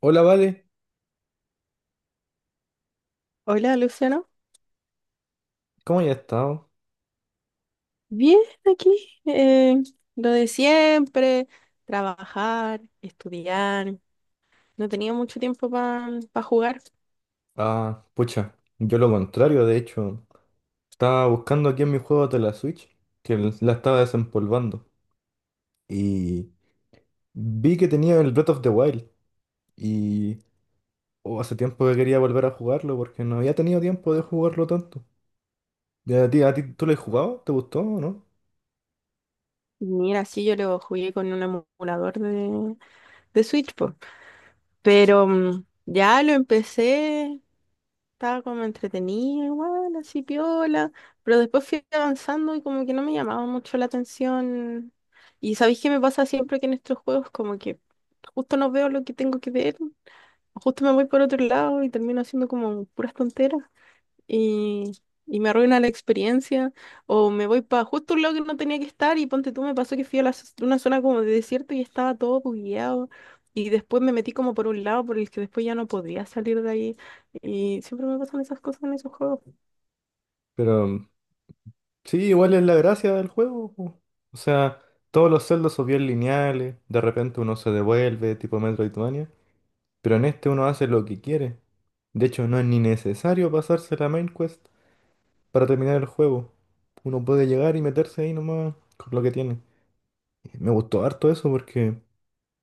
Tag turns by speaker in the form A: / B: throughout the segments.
A: Hola, Vale,
B: Hola, Luciano.
A: ¿cómo has estado?
B: Bien, aquí. eh, lo de siempre, trabajar, estudiar. No tenía mucho tiempo para jugar.
A: Ah, pucha, yo lo contrario, de hecho, estaba buscando aquí en mis juegos de la Switch, que la estaba desempolvando, y vi que tenía el Breath of the Wild, y oh, hace tiempo que quería volver a jugarlo porque no había tenido tiempo de jugarlo tanto. ¿Y a ti tú lo has jugado? ¿Te gustó o no?
B: Mira, sí, yo lo jugué con un emulador de Switch, po. Pero mm, ya lo empecé, estaba como entretenido, igual, así piola. Pero después fui avanzando y como que no me llamaba mucho la atención. Y sabéis que me pasa siempre que en estos juegos, como que justo no veo lo que tengo que ver. Justo me voy por otro lado y termino haciendo como puras tonteras y, y me arruina la experiencia, o me voy para justo un lado que no tenía que estar. Y ponte tú, me pasó que fui a la una zona como de desierto y estaba todo bugueado, y después me metí como por un lado por el que después ya no podía salir de ahí, y siempre me pasan esas cosas en esos juegos.
A: Pero sí, igual es la gracia del juego, po. O sea, todos los celdos son bien lineales, de repente uno se devuelve, tipo Metroidvania. Pero en este uno hace lo que quiere. De hecho, no es ni necesario pasarse la main quest para terminar el juego. Uno puede llegar y meterse ahí nomás con lo que tiene. Me gustó harto eso porque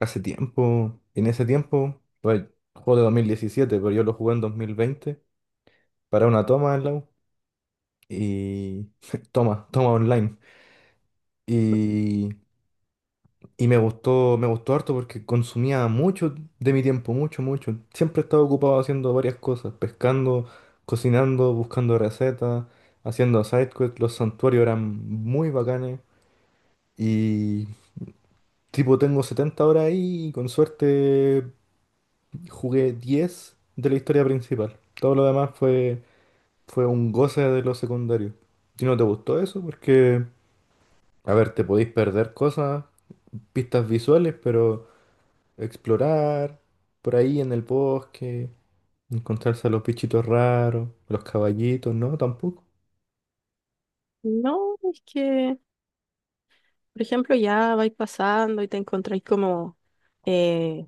A: hace tiempo, en ese tiempo, pues, el juego de 2017, pero yo lo jugué en 2020 para una toma en la U. Y toma, toma online. Y Y me gustó harto porque consumía mucho de mi tiempo, mucho, mucho. Siempre estaba ocupado haciendo varias cosas, pescando, cocinando, buscando recetas, haciendo side quests. Los santuarios eran muy bacanes. Y tipo, tengo 70 horas ahí y con suerte jugué 10 de la historia principal. Todo lo demás fue un goce de los secundarios. ¿Y no te gustó eso? Porque, a ver, te podéis perder cosas, pistas visuales, pero explorar por ahí en el bosque, encontrarse a los bichitos raros, a los caballitos, no, tampoco.
B: No, es que, por ejemplo, ya vais pasando y te encontráis como... eh,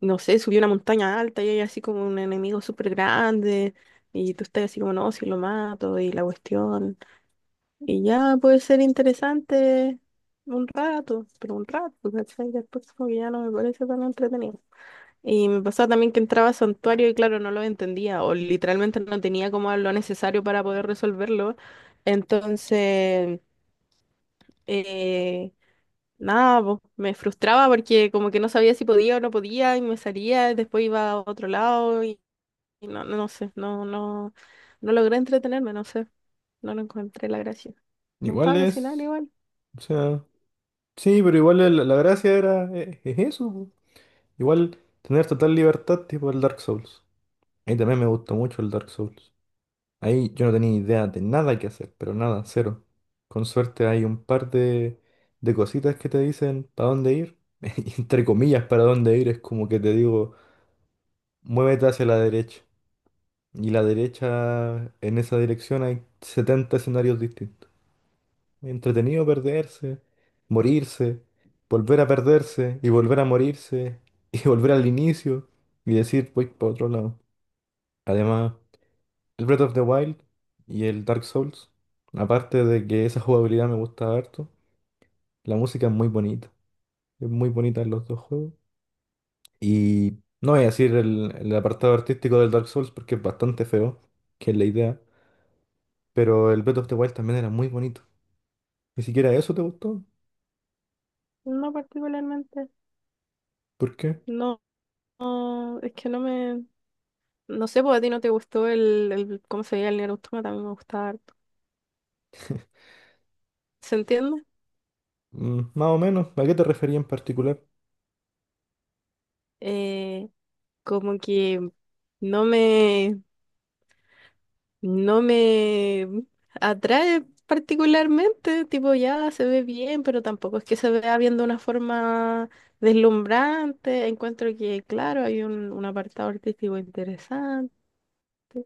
B: no sé, subió una montaña alta y hay así como un enemigo súper grande, y tú estás así como, no, si lo mato y la cuestión. Y ya puede ser interesante un rato, pero un rato, ¿cachai? Después como que ya no me parece tan entretenido. Y me pasaba también que entraba a santuario y claro, no lo entendía, o literalmente no tenía como lo necesario para poder resolverlo. Entonces... eh, nada, po, me frustraba porque como que no sabía si podía o no podía y me salía y después iba a otro lado, y no, no, no sé, no logré entretenerme, no sé, no lo encontré la gracia. Me
A: Igual
B: gustaba cocinar
A: es,
B: igual,
A: o sea, sí, pero igual la gracia es, eso, po. Igual tener total libertad tipo el Dark Souls. Ahí también me gustó mucho el Dark Souls. Ahí yo no tenía idea de nada que hacer, pero nada, cero. Con suerte hay un par de cositas que te dicen para dónde ir. Entre comillas, para dónde ir es como que te digo, muévete hacia la derecha. Y la derecha, en esa dirección hay 70 escenarios distintos. Entretenido perderse, morirse, volver a perderse y volver a morirse y volver al inicio y decir voy para otro lado. Además, el Breath of the Wild y el Dark Souls, aparte de que esa jugabilidad me gusta harto, la música es muy bonita. Es muy bonita en los dos juegos. Y no voy a decir el apartado artístico del Dark Souls porque es bastante feo, que es la idea. Pero el Breath of the Wild también era muy bonito. ¿Ni siquiera eso te gustó?
B: no particularmente,
A: ¿Por qué?
B: no, no, es que no sé, porque a ti no te gustó el cómo se veía el Nier Automata, a mí me gustaba harto. ¿Se entiende?
A: Mm, más o menos. ¿A qué te refería en particular?
B: Eh, Como que no me, no me atrae particularmente, tipo ya se ve bien, pero tampoco es que se vea bien de una forma deslumbrante. Encuentro que, claro, hay un apartado artístico interesante,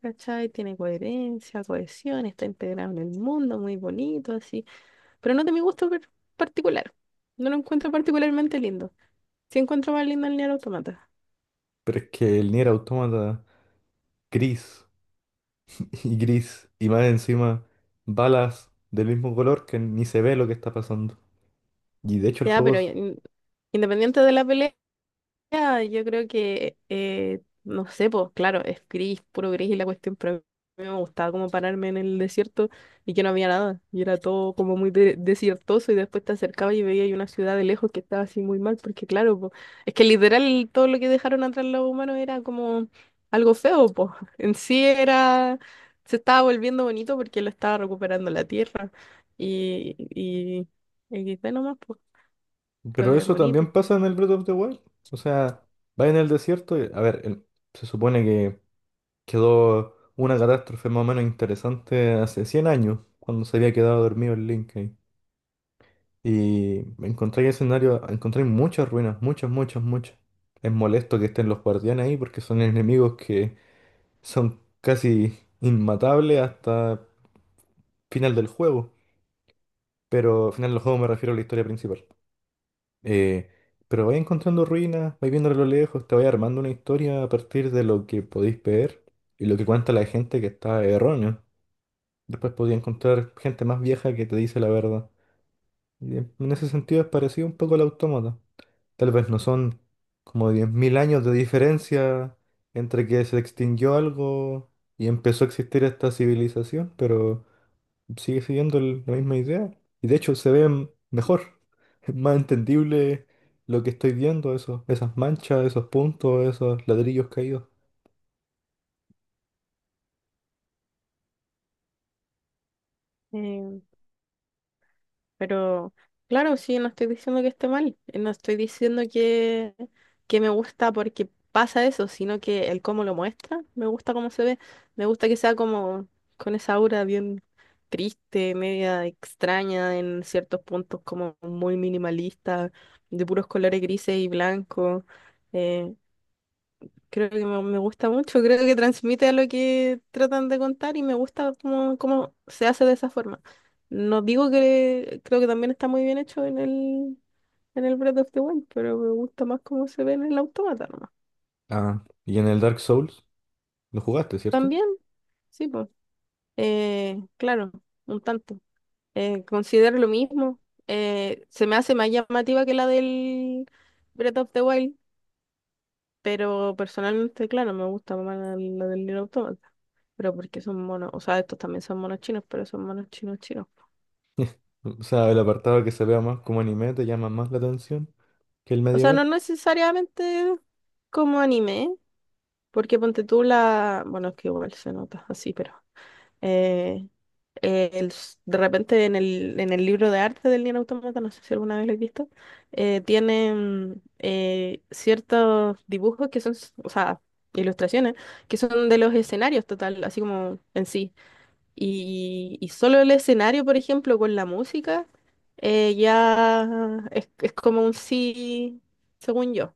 B: ¿cachai? Tiene coherencia, cohesión, está integrado en el mundo, muy bonito, así. Pero no de mi gusto particular. No lo encuentro particularmente lindo. Sí encuentro más lindo el Nier Automata.
A: Pero es que el Nier Automata gris y gris y más encima balas del mismo color que ni se ve lo que está pasando. Y de hecho el
B: Ya,
A: juego,
B: pero independiente de la pelea. Ya, yo creo que, no sé, pues claro, es gris, puro gris y la cuestión, pero a mí me gustaba como pararme en el desierto y que no había nada, y era todo como muy desiertoso, y después te acercaba y veía ahí una ciudad de lejos que estaba así muy mal, porque claro, pues es que literal todo lo que dejaron atrás los humanos era como algo feo, pues en sí era, se estaba volviendo bonito porque lo estaba recuperando la tierra y, y, XD nomás, pues creo
A: pero
B: que es
A: eso
B: bonito.
A: también pasa en el Breath of the Wild. O sea, va en el desierto. Y... A ver, se supone que quedó una catástrofe más o menos interesante hace 100 años cuando se había quedado dormido el Link. Y encontré escenario, encontré muchas ruinas, muchas, muchas, muchas. Es molesto que estén los guardianes ahí porque son enemigos que son casi inmatables hasta final del juego. Pero al final del juego me refiero a la historia principal. Eh, pero vais encontrando ruinas, vais viendo a lo lejos, te vais armando una historia a partir de lo que podéis ver y lo que cuenta la gente que está erróneo. Después podéis encontrar gente más vieja que te dice la verdad. Y en ese sentido es parecido un poco al autómata. Tal vez no son como 10.000 años de diferencia entre que se extinguió algo y empezó a existir esta civilización, pero sigue siguiendo la misma idea. Y de hecho se ve mejor, es más entendible lo que estoy viendo, esas manchas, esos puntos, esos ladrillos caídos.
B: Eh, Pero claro, sí, no estoy diciendo que esté mal, no estoy diciendo que me gusta porque pasa eso, sino que el cómo lo muestra, me gusta cómo se ve, me gusta que sea como con esa aura bien triste, media extraña en ciertos puntos, como muy minimalista, de puros colores grises y blancos. eh, Creo que me gusta mucho, creo que transmite a lo que tratan de contar y me gusta cómo se hace de esa forma. No digo que creo que también está muy bien hecho en el Breath of the Wild, pero me gusta más cómo se ve en el Autómata nomás.
A: Ah, y en el Dark Souls lo jugaste, ¿cierto?
B: También, sí, pues, claro, un tanto. Considero lo mismo. Se me hace más llamativa que la del Breath of the Wild. Pero personalmente, claro, me gusta más la del Nier Automata. Pero porque son monos, o sea, estos también son monos chinos, pero son monos chinos chinos.
A: O sea, el apartado que se vea más como anime te llama más la atención que el
B: O sea, no
A: medieval.
B: necesariamente como anime, porque ponte tú la... Bueno, es que igual se nota así, pero... eh, el de repente en el libro de arte del Nier Automata, no sé si alguna vez lo he visto, tienen ciertos dibujos que son, o sea, ilustraciones, que son de los escenarios total, así como en sí. Y solo el escenario, por ejemplo, con la música, ya es como un sí, según yo,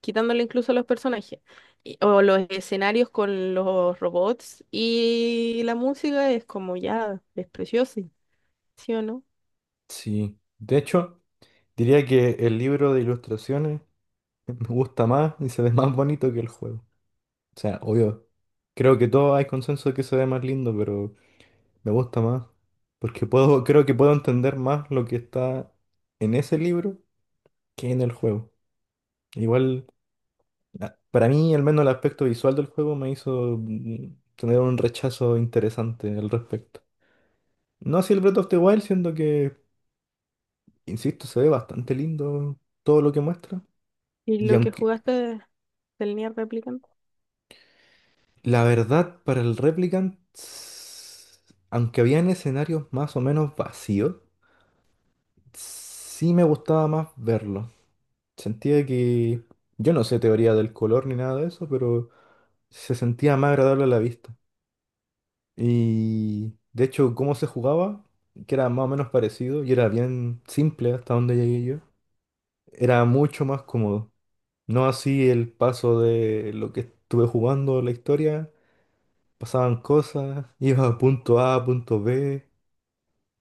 B: quitándole incluso a los personajes. Y o los escenarios con los robots y la música es como ya, es precioso, ¿sí o no?
A: Sí, de hecho, diría que el libro de ilustraciones me gusta más y se ve más bonito que el juego. O sea, obvio, creo que todos hay consenso de que se ve más lindo, pero me gusta más. Porque puedo, creo que puedo entender más lo que está en ese libro que en el juego. Igual, para mí, al menos el aspecto visual del juego me hizo tener un rechazo interesante al respecto. No así el Breath of the Wild, siendo que, insisto, se ve bastante lindo todo lo que muestra.
B: Y
A: Y
B: lo que
A: aunque
B: jugaste del Nier Replicant.
A: La verdad, para el Replicant, aunque habían escenarios más o menos vacíos, sí me gustaba más verlo. Sentía que, yo no sé teoría del color ni nada de eso, pero se sentía más agradable a la vista. Y de hecho, cómo se jugaba, que era más o menos parecido y era bien simple hasta donde llegué yo, era mucho más cómodo. No así el paso de lo que estuve jugando, la historia. Pasaban cosas, iba a punto A, punto B,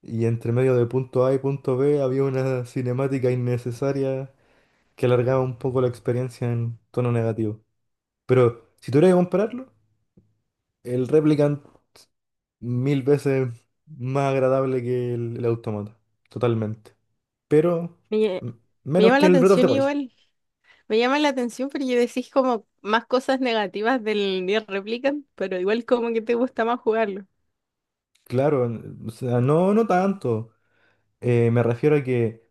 A: y entre medio de punto A y punto B había una cinemática innecesaria que alargaba un poco la experiencia en tono negativo. Pero si tuviera que compararlo, el Replicant mil veces más agradable que el Automata, totalmente. Pero
B: Me, lle-
A: m-
B: Me
A: menos
B: llama
A: que
B: la
A: el Breath of the
B: atención
A: Wild,
B: igual, me llama la atención porque decís como más cosas negativas del Nier Replicant, pero igual como que te gusta más jugarlo.
A: claro, o sea, no, no tanto. Me refiero a que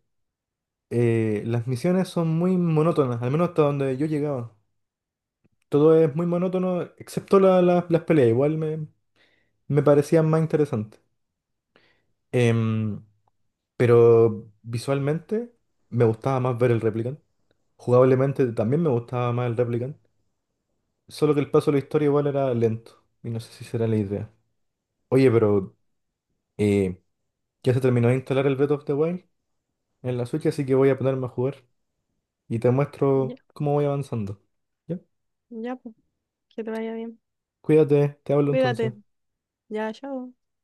A: las misiones son muy monótonas, al menos hasta donde yo llegaba. Todo es muy monótono, excepto las peleas, igual me parecían más interesantes. Em, pero visualmente me gustaba más ver el Replicant. Jugablemente también me gustaba más el Replicant. Solo que el paso de la historia igual era lento. Y no sé si será la idea. Oye, pero eh, ya se terminó de instalar el Breath of the Wild en la Switch, así que voy a ponerme a jugar. Y te muestro cómo voy avanzando. ¿Ya?
B: Ya, pues, que te vaya bien.
A: Cuídate, te hablo entonces.
B: Cuídate. Ya, chao.